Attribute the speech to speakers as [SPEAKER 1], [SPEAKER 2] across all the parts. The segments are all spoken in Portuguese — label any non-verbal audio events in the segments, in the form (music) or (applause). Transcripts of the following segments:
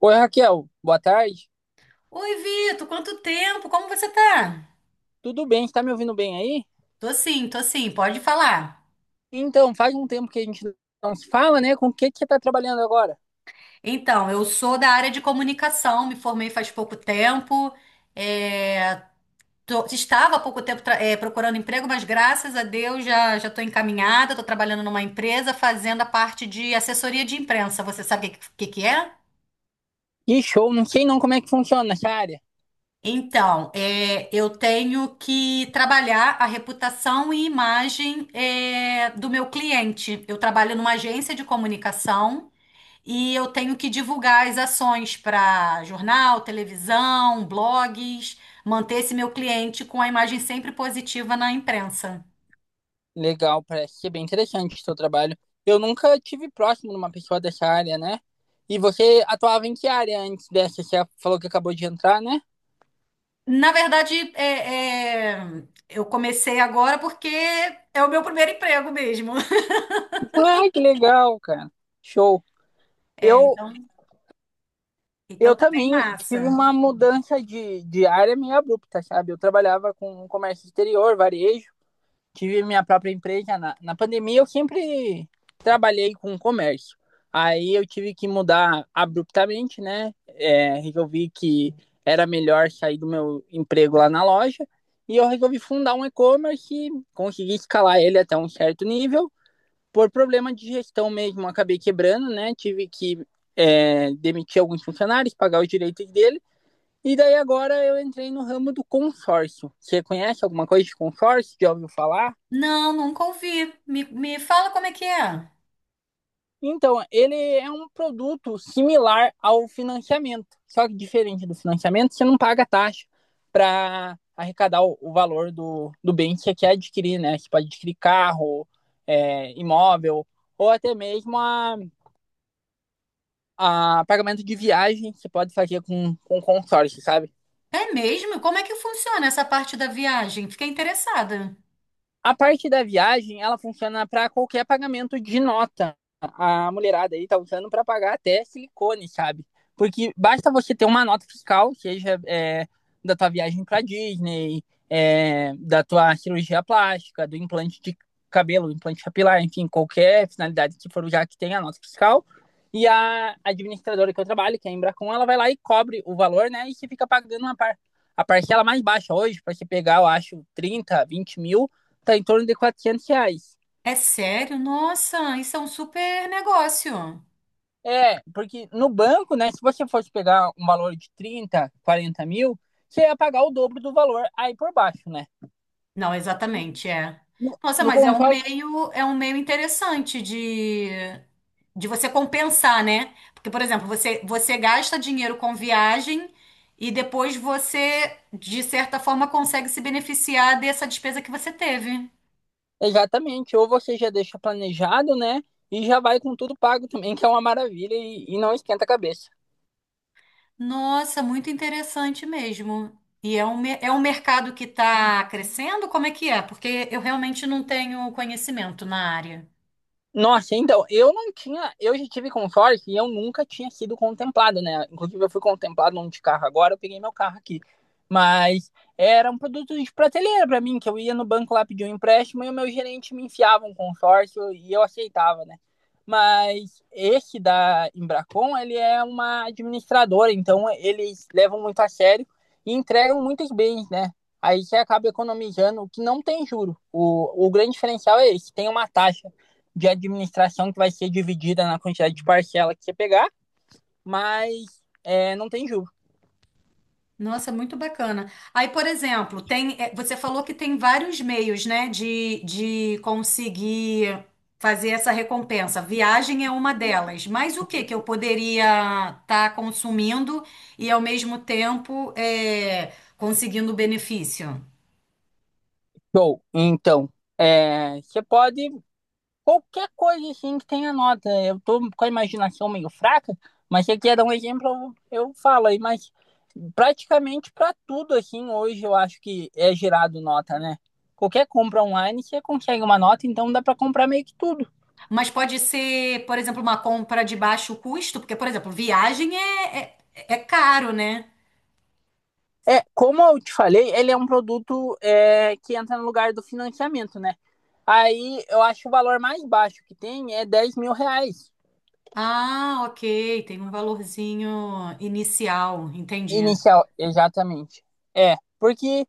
[SPEAKER 1] Oi, Raquel, boa tarde.
[SPEAKER 2] Oi, Vitor, quanto tempo? Como você tá?
[SPEAKER 1] Tudo bem? Está me ouvindo bem aí?
[SPEAKER 2] Tô sim, pode falar.
[SPEAKER 1] Então, faz um tempo que a gente não se fala, né? Com o que que você está trabalhando agora?
[SPEAKER 2] Então, eu sou da área de comunicação, me formei faz pouco tempo. é, Estava há pouco tempo, procurando emprego, mas graças a Deus já já estou encaminhada, estou trabalhando numa empresa fazendo a parte de assessoria de imprensa. Você sabe o que que é?
[SPEAKER 1] Que show, não sei não como é que funciona essa área.
[SPEAKER 2] Então, eu tenho que trabalhar a reputação e imagem, do meu cliente. Eu trabalho numa agência de comunicação. E eu tenho que divulgar as ações para jornal, televisão, blogs, manter esse meu cliente com a imagem sempre positiva na imprensa.
[SPEAKER 1] Legal, parece ser bem interessante o seu trabalho. Eu nunca tive próximo de uma pessoa dessa área, né? E você atuava em que área antes dessa? Você falou que acabou de entrar, né?
[SPEAKER 2] Na verdade, eu comecei agora porque é o meu primeiro emprego mesmo. (laughs)
[SPEAKER 1] Ah, que legal, cara. Show.
[SPEAKER 2] É,
[SPEAKER 1] Eu,
[SPEAKER 2] então, então
[SPEAKER 1] eu
[SPEAKER 2] tá bem
[SPEAKER 1] também tive
[SPEAKER 2] massa.
[SPEAKER 1] uma mudança de área meio abrupta, sabe? Eu trabalhava com comércio exterior, varejo. Tive minha própria empresa. Na pandemia, eu sempre trabalhei com comércio. Aí eu tive que mudar abruptamente, né? Resolvi que era melhor sair do meu emprego lá na loja. E eu resolvi fundar um e-commerce e consegui escalar ele até um certo nível. Por problema de gestão mesmo, acabei quebrando, né? Tive que demitir alguns funcionários, pagar os direitos dele. E daí agora eu entrei no ramo do consórcio. Você conhece alguma coisa de consórcio? Já ouviu falar?
[SPEAKER 2] Não, nunca ouvi. Me fala como é que é.
[SPEAKER 1] Então, ele é um produto similar ao financiamento, só que diferente do financiamento, você não paga taxa para arrecadar o valor do bem que você quer adquirir, né? Você pode adquirir carro, imóvel, ou até mesmo a pagamento de viagem que você pode fazer com consórcio, sabe?
[SPEAKER 2] É mesmo? Como é que funciona essa parte da viagem? Fiquei interessada.
[SPEAKER 1] A parte da viagem, ela funciona para qualquer pagamento de nota. A mulherada aí tá usando para pagar até silicone, sabe? Porque basta você ter uma nota fiscal, seja da tua viagem para Disney, da tua cirurgia plástica, do implante de cabelo, implante capilar, enfim, qualquer finalidade que for já que tenha a nota fiscal. E a administradora que eu trabalho, que é a Embracon, ela vai lá e cobre o valor, né? E você fica pagando uma par a parcela mais baixa hoje, para você pegar, eu acho, 30, 20 mil, tá em torno de R$ 400.
[SPEAKER 2] É sério? Nossa, isso é um super negócio.
[SPEAKER 1] É, porque no banco, né, se você fosse pegar um valor de 30, 40 mil, você ia pagar o dobro do valor aí por baixo, né?
[SPEAKER 2] Não, exatamente, é.
[SPEAKER 1] No,
[SPEAKER 2] Nossa,
[SPEAKER 1] no
[SPEAKER 2] mas
[SPEAKER 1] console,
[SPEAKER 2] é um meio interessante de você compensar, né? Porque, por exemplo, você gasta dinheiro com viagem e depois você, de certa forma, consegue se beneficiar dessa despesa que você teve.
[SPEAKER 1] exatamente. Ou você já deixa planejado, né? E já vai com tudo pago também, que é uma maravilha e não esquenta a cabeça.
[SPEAKER 2] Nossa, muito interessante mesmo. E é um, é um mercado que está crescendo? Como é que é? Porque eu realmente não tenho conhecimento na área.
[SPEAKER 1] Nossa, então, eu não tinha, eu já tive consórcio e eu nunca tinha sido contemplado, né? Inclusive, eu fui contemplado num de carro agora, eu peguei meu carro aqui. Mas era um produto de prateleira para mim, que eu ia no banco lá pedir um empréstimo e o meu gerente me enfiava um consórcio e eu aceitava, né? Mas esse da Embracon, ele é uma administradora, então eles levam muito a sério e entregam muitos bens, né? Aí você acaba economizando, o que não tem juro. O grande diferencial é esse, tem uma taxa de administração que vai ser dividida na quantidade de parcela que você pegar, mas não tem juros.
[SPEAKER 2] Nossa, muito bacana. Aí, por exemplo, tem, você falou que tem vários meios, né, de conseguir fazer essa recompensa. Viagem é uma delas. Mas o que que eu poderia estar consumindo e ao mesmo tempo conseguindo o benefício?
[SPEAKER 1] Show. Então, você pode. Qualquer coisa assim que tenha nota. Eu tô com a imaginação meio fraca, mas se você quer dar um exemplo, eu falo aí, mas praticamente para tudo assim hoje eu acho que é gerado nota, né? Qualquer compra online você consegue uma nota, então dá para comprar meio que tudo.
[SPEAKER 2] Mas pode ser, por exemplo, uma compra de baixo custo, porque, por exemplo, viagem é, é caro, né?
[SPEAKER 1] É, como eu te falei, ele é um produto que entra no lugar do financiamento, né? Aí eu acho que o valor mais baixo que tem é R$ 10.000
[SPEAKER 2] Ah, ok, tem um valorzinho inicial, entendi.
[SPEAKER 1] inicial, exatamente. É, porque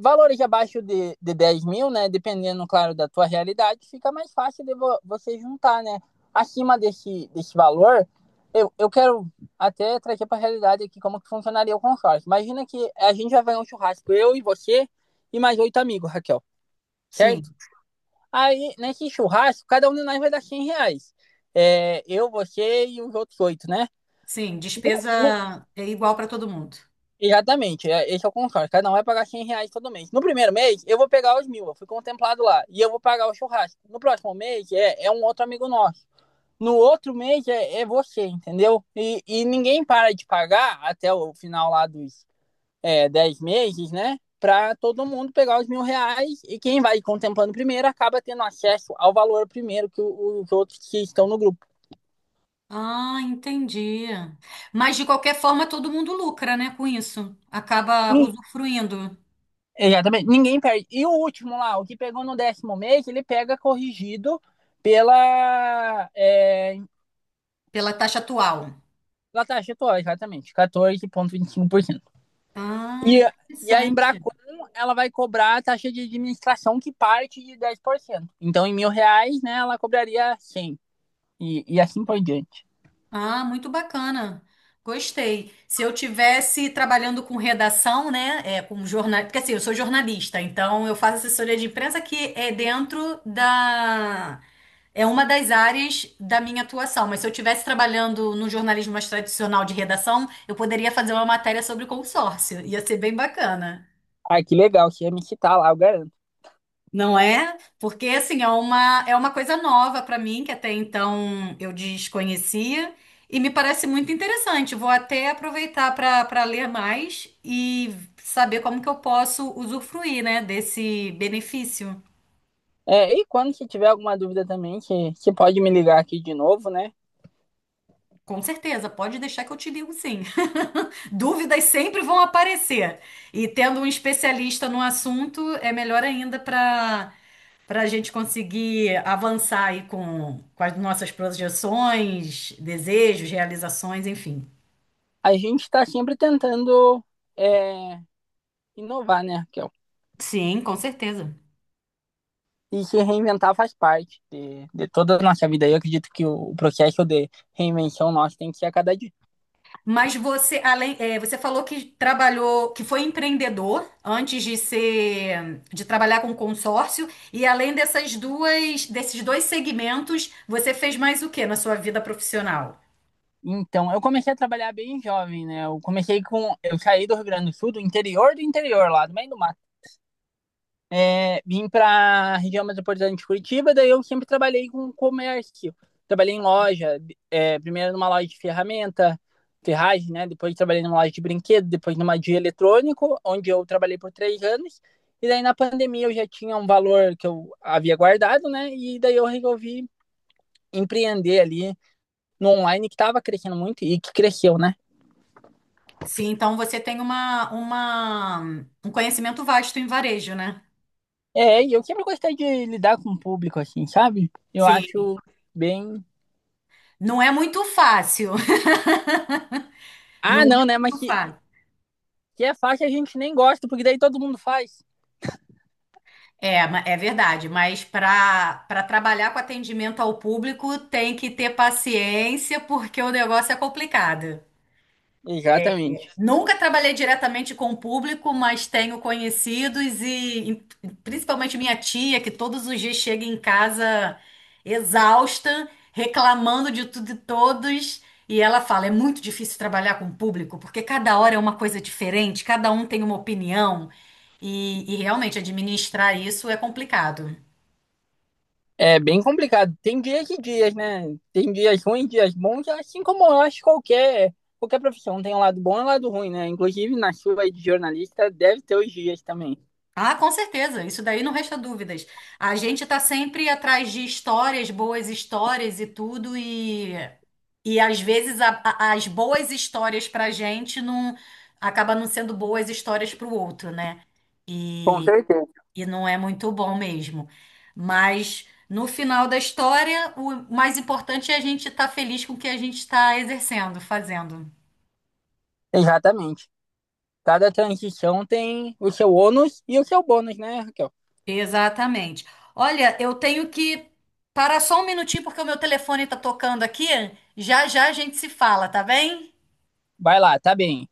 [SPEAKER 1] valores abaixo de 10.000, né? Dependendo, claro, da tua realidade, fica mais fácil de vo você juntar, né? Acima desse, desse valor, eu quero até trazer para a realidade aqui como que funcionaria o consórcio. Imagina que a gente vai fazer um churrasco, eu e você e mais 8 amigos, Raquel, certo?
[SPEAKER 2] Sim.
[SPEAKER 1] Aí, nesse churrasco, cada um de nós vai dar R$ 100. É, eu, você e os outros 8, né?
[SPEAKER 2] Sim, despesa é igual para todo mundo.
[SPEAKER 1] Exatamente, esse é o contrato. Cada um vai pagar R$ 100 todo mês. No primeiro mês, eu vou pegar os mil, eu fui contemplado lá. E eu vou pagar o churrasco. No próximo mês, é um outro amigo nosso. No outro mês, é você, entendeu? E ninguém para de pagar até o final lá dos 10 meses, né? Para todo mundo pegar os mil reais e quem vai contemplando primeiro acaba tendo acesso ao valor primeiro que os outros que estão no grupo.
[SPEAKER 2] Ah, entendi. Mas de qualquer forma, todo mundo lucra, né, com isso. Acaba
[SPEAKER 1] Ni-
[SPEAKER 2] usufruindo
[SPEAKER 1] Exatamente, ninguém perde. E o último lá, o que pegou no décimo mês, ele pega corrigido pela, é,
[SPEAKER 2] pela taxa atual.
[SPEAKER 1] pela taxa atual, exatamente, quatorze vírgula vinte e cinco por cento.
[SPEAKER 2] Ah,
[SPEAKER 1] e e a
[SPEAKER 2] interessante.
[SPEAKER 1] Embracon, ela vai cobrar a taxa de administração que parte de 10%. Então, em mil reais, né, ela cobraria 100 e assim por diante.
[SPEAKER 2] Ah, muito bacana. Gostei. Se eu tivesse trabalhando com redação, né, com jornal, porque assim, eu sou jornalista, então eu faço assessoria de imprensa que é dentro da é uma das áreas da minha atuação, mas se eu tivesse trabalhando no jornalismo mais tradicional de redação, eu poderia fazer uma matéria sobre consórcio. Ia ser bem bacana.
[SPEAKER 1] Ah, que legal, você ia me citar lá, eu garanto.
[SPEAKER 2] Não é? Porque assim, é uma coisa nova para mim que até então eu desconhecia e me parece muito interessante. Vou até aproveitar para ler mais e saber como que eu posso usufruir, né, desse benefício.
[SPEAKER 1] É, e quando você tiver alguma dúvida também, que você pode me ligar aqui de novo, né?
[SPEAKER 2] Com certeza, pode deixar que eu te ligo sim. (laughs) Dúvidas sempre vão aparecer. E tendo um especialista no assunto, é melhor ainda para a gente conseguir avançar aí com as nossas projeções, desejos, realizações, enfim.
[SPEAKER 1] A gente está sempre tentando é, inovar, né, Raquel?
[SPEAKER 2] Sim, com certeza.
[SPEAKER 1] E se reinventar faz parte de toda a nossa vida. Eu acredito que o processo de reinvenção nosso tem que ser a cada dia.
[SPEAKER 2] Mas você, além, você falou que trabalhou, que foi empreendedor antes de ser, de trabalhar com consórcio, e além dessas duas, desses dois segmentos, você fez mais o que na sua vida profissional?
[SPEAKER 1] Então, eu comecei a trabalhar bem jovem, né? Eu comecei com. Eu saí do Rio Grande do Sul, do interior, lá do meio do mato vim para a região metropolitana de Curitiba, daí eu sempre trabalhei com comércio. Trabalhei em loja, primeiro numa loja de ferramenta, ferragem, né? Depois trabalhei numa loja de brinquedo, depois numa de eletrônico, onde eu trabalhei por 3 anos. E daí na pandemia eu já tinha um valor que eu havia guardado, né? E daí eu resolvi empreender ali no online que estava crescendo muito e que cresceu, né?
[SPEAKER 2] Sim, então você tem uma, um conhecimento vasto em varejo, né?
[SPEAKER 1] É, e eu sempre gostei de lidar com o público, assim, sabe? Eu
[SPEAKER 2] Sim,
[SPEAKER 1] acho bem.
[SPEAKER 2] não é muito fácil, (laughs)
[SPEAKER 1] Ah,
[SPEAKER 2] não é
[SPEAKER 1] não, né? Mas
[SPEAKER 2] muito fácil.
[SPEAKER 1] que é fácil a gente nem gosta, porque daí todo mundo faz.
[SPEAKER 2] É, é verdade, mas para trabalhar com atendimento ao público tem que ter paciência porque o negócio é complicado.
[SPEAKER 1] Exatamente.
[SPEAKER 2] Nunca trabalhei diretamente com o público, mas tenho conhecidos e principalmente minha tia, que todos os dias chega em casa exausta, reclamando de tudo e todos. E ela fala: é muito difícil trabalhar com o público, porque cada hora é uma coisa diferente, cada um tem uma opinião. E realmente administrar isso é complicado.
[SPEAKER 1] É bem complicado. Tem dias e dias, né? Tem dias ruins, dias bons, assim como eu acho qualquer profissão. Tem um lado bom e um lado ruim, né? Inclusive na chuva de jornalista deve ter os dias também.
[SPEAKER 2] Ah, com certeza, isso daí não resta dúvidas. A gente tá sempre atrás de histórias, boas histórias e tudo, e às vezes as boas histórias pra gente não acaba não sendo boas histórias pro outro, né?
[SPEAKER 1] Com
[SPEAKER 2] E,
[SPEAKER 1] certeza.
[SPEAKER 2] e não é muito bom mesmo. Mas no final da história, o mais importante é a gente estar feliz com o que a gente está exercendo, fazendo.
[SPEAKER 1] Exatamente. Cada transição tem o seu ônus e o seu bônus, né, Raquel?
[SPEAKER 2] Exatamente. Olha, eu tenho que parar só um minutinho porque o meu telefone está tocando aqui. Já já a gente se fala, tá bem?
[SPEAKER 1] Vai lá, tá bem.